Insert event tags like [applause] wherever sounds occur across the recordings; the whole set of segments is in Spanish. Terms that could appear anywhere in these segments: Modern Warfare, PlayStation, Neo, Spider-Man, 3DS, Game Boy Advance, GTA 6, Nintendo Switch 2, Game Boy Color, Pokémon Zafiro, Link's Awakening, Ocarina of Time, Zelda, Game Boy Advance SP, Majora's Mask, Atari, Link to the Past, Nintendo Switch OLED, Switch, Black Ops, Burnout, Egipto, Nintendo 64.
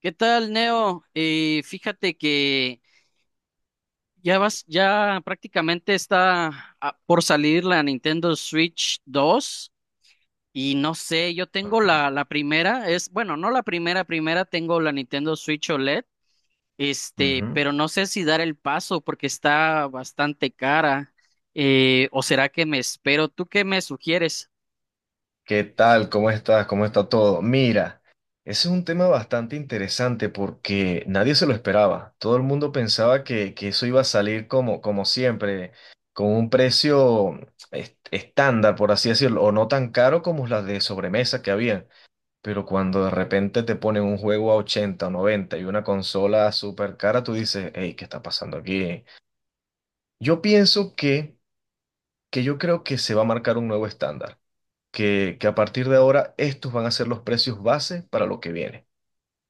¿Qué tal, Neo? Fíjate que ya prácticamente está por salir la Nintendo Switch 2. Y no sé, yo tengo Ajá. la primera, bueno, no la primera, primera tengo la Nintendo Switch OLED. Ujú. Pero no sé si dar el paso porque está bastante cara, o será que me espero. ¿Tú qué me sugieres? ¿Qué tal? ¿Cómo estás? ¿Cómo está todo? Mira, ese es un tema bastante interesante porque nadie se lo esperaba. Todo el mundo pensaba que eso iba a salir como, como siempre, con un precio estándar, por así decirlo, o no tan caro como las de sobremesa que habían. Pero cuando de repente te ponen un juego a 80 o 90 y una consola súper cara, tú dices, hey, ¿qué está pasando aquí? Yo pienso que, que, Yo creo que se va a marcar un nuevo estándar, que a partir de ahora estos van a ser los precios base para lo que viene.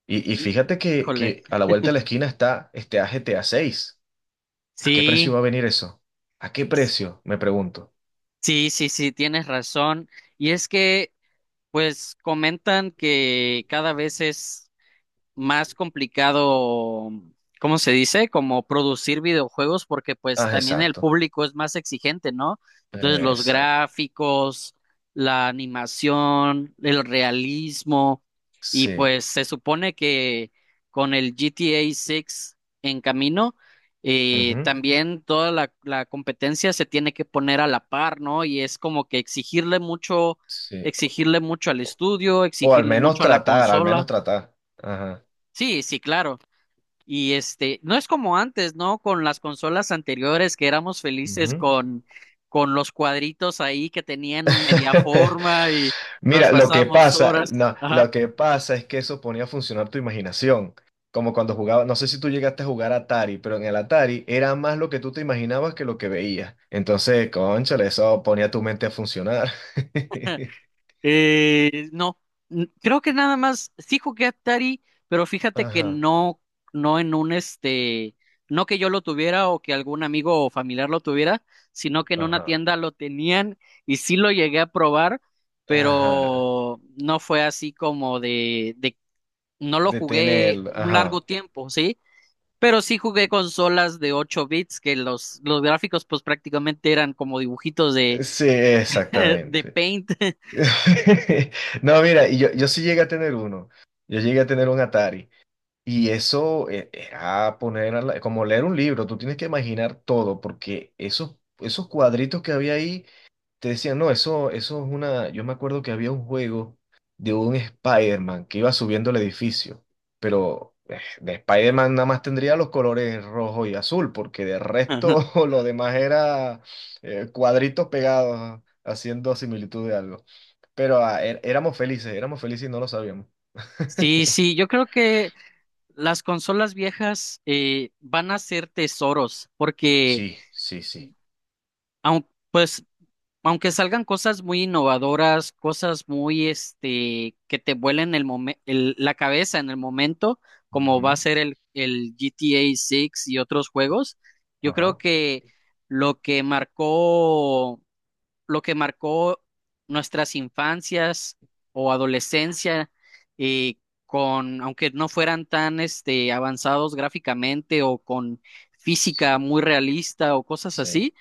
Y fíjate que, Híjole. que a la vuelta de la esquina está este a GTA 6. ¿A seis? ¿A qué precio Sí. va a venir eso? ¿A qué precio? Me pregunto. Sí, sí, sí, tienes razón. Y es que Pues comentan que cada vez es más complicado. ¿Cómo se dice? Como producir videojuegos porque pues Ah, también el exacto. público es más exigente, ¿no? Entonces los Exacto. gráficos, la animación, el realismo, y Sí. pues se supone que con el GTA 6 en camino, Ujú. también toda la competencia se tiene que poner a la par, ¿no? Y es como que Sí. exigirle mucho al O estudio, al exigirle menos mucho a la tratar, al menos consola. tratar. Ajá. Sí, sí, claro. Y no es como antes, ¿no? Con las consolas anteriores, que éramos felices Ujú. con, los cuadritos ahí que tenían un media [laughs] forma, y nos Mira, lo que pasábamos pasa, horas. no, Ajá. lo que pasa es que eso ponía a funcionar tu imaginación. Como cuando jugaba, no sé si tú llegaste a jugar Atari, pero en el Atari era más lo que tú te imaginabas que lo que veías. Entonces, cónchale, eso ponía tu mente a funcionar. [laughs] No, creo que nada más, sí jugué Atari, pero fíjate que Ajá, no, no en un este, no que yo lo tuviera o que algún amigo o familiar lo tuviera, sino que en una ajá, tienda lo tenían, y sí lo llegué a probar, ajá. pero no fue así como de no lo jugué Detenerlo, un largo ajá. tiempo, ¿sí? Pero sí jugué consolas de 8 bits, que los gráficos pues prácticamente eran como dibujitos de, Sí, [laughs] de exactamente. Paint. [laughs] No, mira, y yo sí llegué a tener uno. Yo llegué a tener un Atari. Y eso era poner como leer un libro, tú tienes que imaginar todo, porque esos cuadritos que había ahí te decían, no, eso es una. Yo me acuerdo que había un juego de un Spider-Man que iba subiendo el edificio, pero de Spider-Man nada más tendría los colores rojo y azul, porque de resto [laughs] [laughs] lo demás era cuadritos pegados haciendo similitud de algo. Pero éramos felices y no lo sabíamos. Sí, sí, yo creo que las consolas viejas van a ser tesoros porque Sí, sí, sí. Pues, aunque salgan cosas muy innovadoras, cosas muy, que te vuelen el la cabeza en el momento, como va a Ujú. ser el GTA 6 y otros juegos, yo creo Ajá. que lo que marcó, lo que marcó nuestras infancias o adolescencia, eh, con, aunque no fueran tan, avanzados gráficamente o con Sí, física muy realista o cosas sí, así,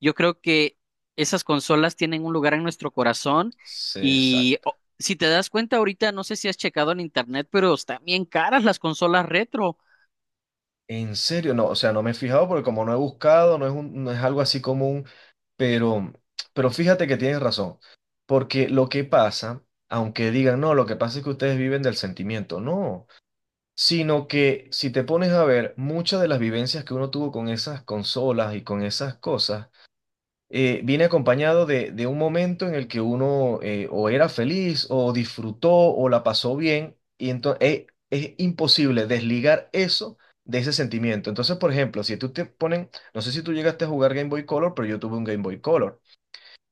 yo creo que esas consolas tienen un lugar en nuestro corazón. sí, Y exacto. Si te das cuenta ahorita, no sé si has checado en internet, pero están bien caras las consolas retro. En serio, no, o sea, no me he fijado porque como no he buscado, no es algo así común, pero, pero fíjate que tienes razón, porque lo que pasa, aunque digan, no, lo que pasa es que ustedes viven del sentimiento, no, sino que si te pones a ver muchas de las vivencias que uno tuvo con esas consolas y con esas cosas, viene acompañado de un momento en el que uno o era feliz o disfrutó o la pasó bien y entonces es imposible desligar eso de ese sentimiento. Entonces, por ejemplo, si tú te ponen, no sé si tú llegaste a jugar Game Boy Color, pero yo tuve un Game Boy Color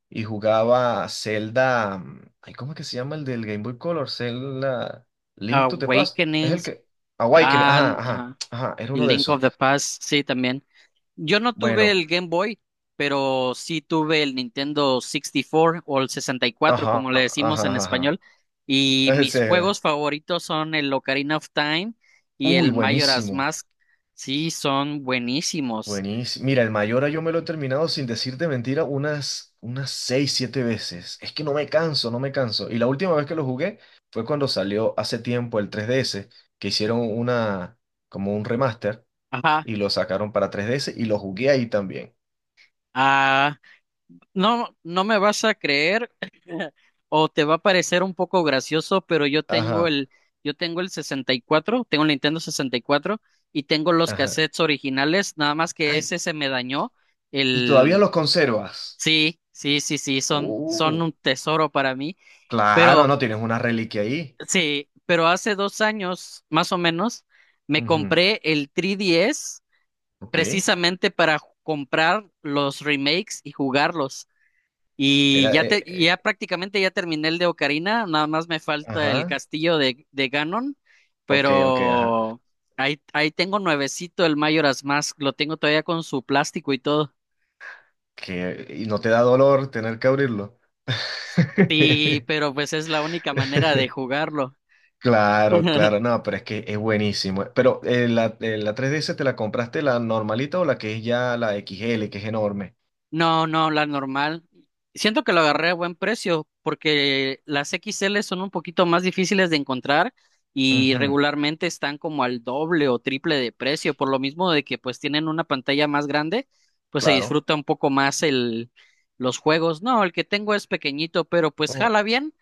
y jugaba Zelda, ay, ¿cómo es que se llama el del Game Boy Color? Zelda Link to the Past, es el Awakenings, que Awakening, ajá, al ajá, ajá, ajá, era y uno de Link of esos. the Past, sí, también. Yo no tuve Bueno, el Game Boy, pero sí tuve el Nintendo 64, o el 64 ajá, como le ajá, decimos en ajá. Ajá. español. Y [laughs] mis Ese, juegos favoritos son el Ocarina of Time y uy, el Majora's buenísimo. Mask. Sí, son buenísimos. Buenísimo. Mira, el Mayora yo me lo he terminado sin decirte mentira unas, unas seis, siete veces. Es que no me canso, no me canso. Y la última vez que lo jugué fue cuando salió hace tiempo el 3DS, que hicieron una, como un remaster Ajá. y lo sacaron para 3DS y lo jugué ahí también. Ah, no, no me vas a creer, o te va a parecer un poco gracioso, pero Ajá, yo tengo el sesenta y cuatro, tengo el Nintendo 64, y tengo los ajá. cassettes originales, nada más que Ay, ese se me dañó. ¿y todavía El, los conservas? sí, sí, sí, sí, son Uh, un tesoro para mí. claro, Pero, no, tienes una reliquia ahí. sí, pero hace 2 años, más o menos, me Ujú. compré el 3DS Ok. precisamente para comprar los remakes y jugarlos. Y Era, ya prácticamente ya terminé el de Ocarina, nada más me falta el ajá. castillo de Ganon, Ok, ok, ajá. pero ahí tengo nuevecito el Majora's Mask, lo tengo todavía con su plástico y todo. Que, ¿y no te da dolor tener que abrirlo? Sí, [laughs] pero pues es la única manera de jugarlo. Claro, claro, [laughs] no, pero es que es buenísimo. Pero la 3DS te la compraste, ¿la normalita o la que es ya la X L que es enorme? No, no, la normal. Siento que lo agarré a buen precio porque las XL son un poquito más difíciles de encontrar, y Ujú, regularmente están como al doble o triple de precio, por lo mismo de que pues tienen una pantalla más grande, pues se claro. disfruta un poco más el los juegos. No, el que tengo es pequeñito, pero pues Oh. jala bien.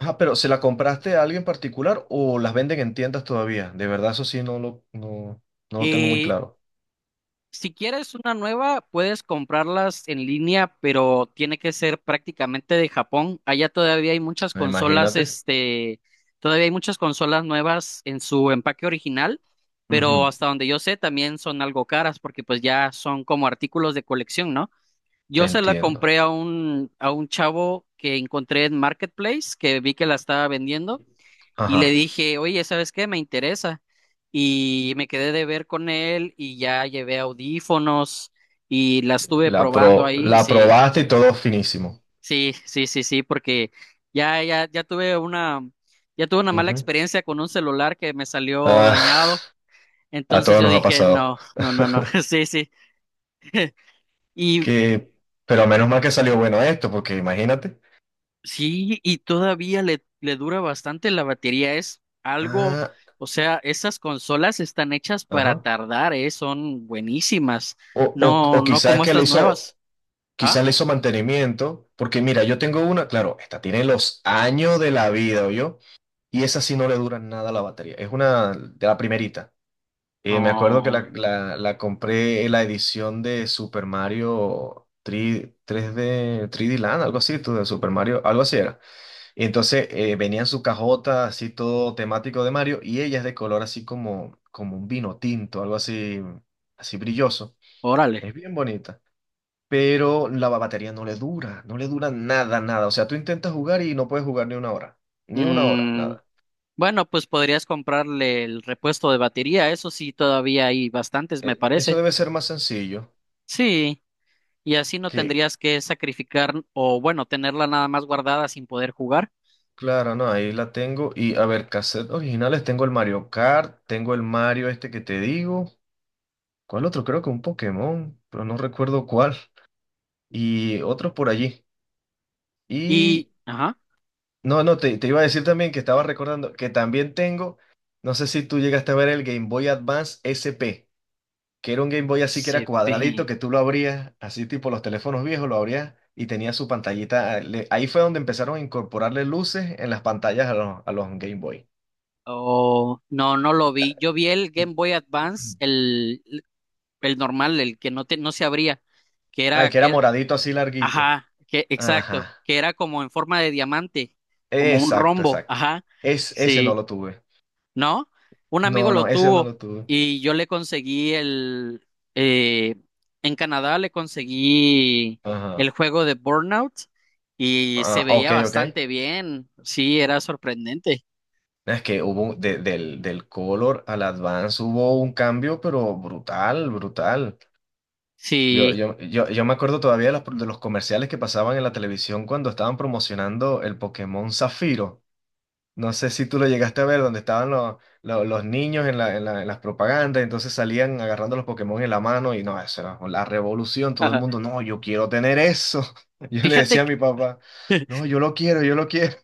Ah, pero ¿se la compraste a alguien particular o las venden en tiendas todavía? De verdad, eso sí no lo, no, no lo tengo muy Eh, claro. Si quieres una nueva, puedes comprarlas en línea, pero tiene que ser prácticamente de Japón. Allá todavía hay muchas consolas, Imagínate. Todavía hay muchas consolas nuevas en su empaque original, pero Ujú. hasta donde yo sé también son algo caras porque pues ya son como artículos de colección, ¿no? Te Yo se la entiendo. compré a un, chavo que encontré en Marketplace, que vi que la estaba vendiendo. Y le Ajá. dije, oye, ¿sabes qué? Me interesa. Y me quedé de ver con él, y ya llevé audífonos, y la Y estuve probando ahí. la Sí, probaste y todo finísimo. sí, sí, sí, sí, porque ya, ya, ya tuve una, ya tuve una mala Ujú. experiencia con un celular que me salió dañado. Ah. A Entonces todos yo nos ha dije, pasado. no, no, no, no, [laughs] [laughs] sí, sí. Que, pero menos mal que salió bueno esto, porque imagínate. Sí, y todavía le dura bastante la batería. Es algo, Ah, o sea, esas consolas están hechas para ajá. tardar, ¿eh? Son buenísimas. O, o, No, o no quizás como que le estas hizo, nuevas. ¿Ah? quizás le hizo mantenimiento, porque mira, yo tengo una, claro, esta tiene los años de la vida, yo. Y esa sí no le dura nada la batería. Es una de la primerita. Me acuerdo que Oh, la compré en la edición de Super Mario 3, 3D, 3D Land, algo así, tú, de Super Mario, algo así era. Y entonces venía en su cajota así todo temático de Mario y ella es de color así como, como un vino tinto, algo así, así brilloso. órale. Es bien bonita, pero batería no le dura, no le dura nada, nada. O sea, tú intentas jugar y no puedes jugar ni una hora, ni una hora, Mm, nada. bueno, pues podrías comprarle el repuesto de batería. Eso sí, todavía hay bastantes, me Eso parece. debe ser más sencillo Sí, y así no que, tendrías que sacrificar, o bueno, tenerla nada más guardada sin poder jugar. claro, no, ahí la tengo. Y a ver, cassette originales, tengo el Mario Kart, tengo el Mario este que te digo. ¿Cuál otro? Creo que un Pokémon, pero no recuerdo cuál. Y otros por allí. Y Y, ajá, no, no, te iba a decir también que estaba recordando que también tengo, no sé si tú llegaste a ver el Game Boy Advance SP, que era un Game Boy así que era cuadradito, SP. que tú lo abrías, así tipo los teléfonos viejos, lo abrías y tenía su pantallita. Ahí fue donde empezaron a incorporarle luces en las pantallas a a los Game Boy. Oh, no, no lo vi. [clears throat] Yo vi el Game Boy Advance, el normal, el que no se abría, que Ah, el era, que era que era- moradito así larguito. ajá, exacto, Ajá. que era como en forma de diamante, como un Exacto, rombo, exacto. ajá, Es, ese no sí, lo tuve. ¿no? Un amigo No, lo no, ese no tuvo, lo tuve. y yo le conseguí eh, en Canadá le conseguí el Ajá. juego de Burnout, y se Ah, ok, veía ok. bastante bien, sí, era sorprendente, Es que hubo del, del Color al Advance hubo un cambio, pero brutal, brutal. Yo, sí, yo, yo, yo me acuerdo todavía de de los comerciales que pasaban en la televisión cuando estaban promocionando el Pokémon Zafiro. No sé si tú lo llegaste a ver, donde estaban los niños en las propagandas, entonces salían agarrando los Pokémon en la mano y no, eso era la revolución, todo el mundo, [laughs] no, yo quiero tener eso. [laughs] Yo le fíjate decía a mi que... papá, no, yo lo quiero, yo lo quiero.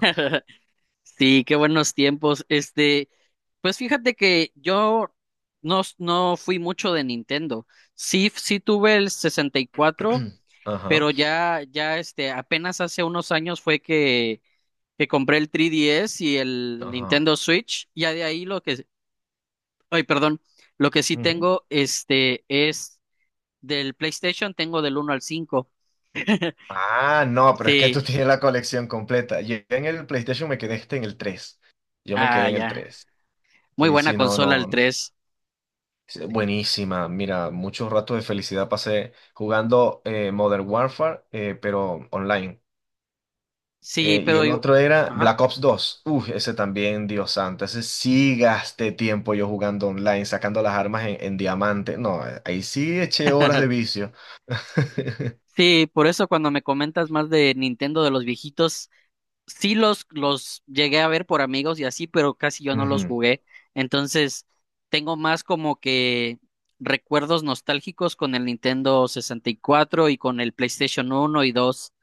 [laughs] Sí, qué buenos tiempos. Pues fíjate que yo no, no fui mucho de Nintendo. Sí, sí tuve el 64, [clears throat] Ajá, pero apenas hace unos años fue que, compré el 3DS y el ajá. Nintendo Switch. Ya de ahí ay, perdón, lo que sí tengo, es del PlayStation, tengo del uno al 5. Ah, no, pero es que Sí, tú [laughs] tienes la colección completa. Yo en el PlayStation me quedé este en el tres. Yo me quedé ah, en el ya. 3. Muy Sí, buena sí, no, consola el no. 3. Sí, buenísima. Mira, muchos ratos de felicidad pasé jugando Modern Warfare, pero online. Sí, Y pero el yo, otro era ajá. Black Ops dos. Uf, ese también, Dios santo. Ese sí gasté tiempo yo jugando online, sacando las armas en diamante. No, ahí sí eché horas de vicio. [laughs] Sí, por eso cuando me comentas más de Nintendo de los viejitos, sí los llegué a ver por amigos y así, pero casi yo no los Ujú. jugué. Entonces, tengo más como que recuerdos nostálgicos con el Nintendo 64 y cuatro, y con el PlayStation 1 y 2.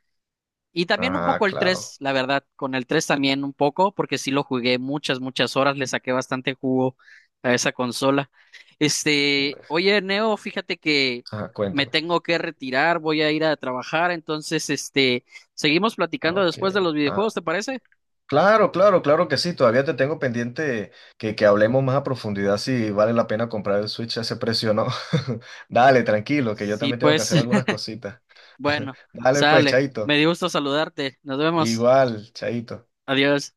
Y también un Ajá, poco el claro. tres, la verdad, con el 3 también un poco, porque sí lo jugué muchas, muchas horas, le saqué bastante jugo a esa consola. Oye, Neo, fíjate que Ajá, me cuéntame. tengo que retirar, voy a ir a trabajar. Entonces, seguimos platicando Ok. después de los Ah, videojuegos, ¿te parece? claro, claro, claro que sí. Todavía te tengo pendiente que hablemos más a profundidad si vale la pena comprar el Switch a ese precio o no. [laughs] Dale, tranquilo, que yo Sí, también tengo que pues, hacer algunas [laughs] cositas. [laughs] bueno, Dale, pues, sale. Me Chaito. dio gusto saludarte. Nos vemos. Igual, Chaito. Adiós.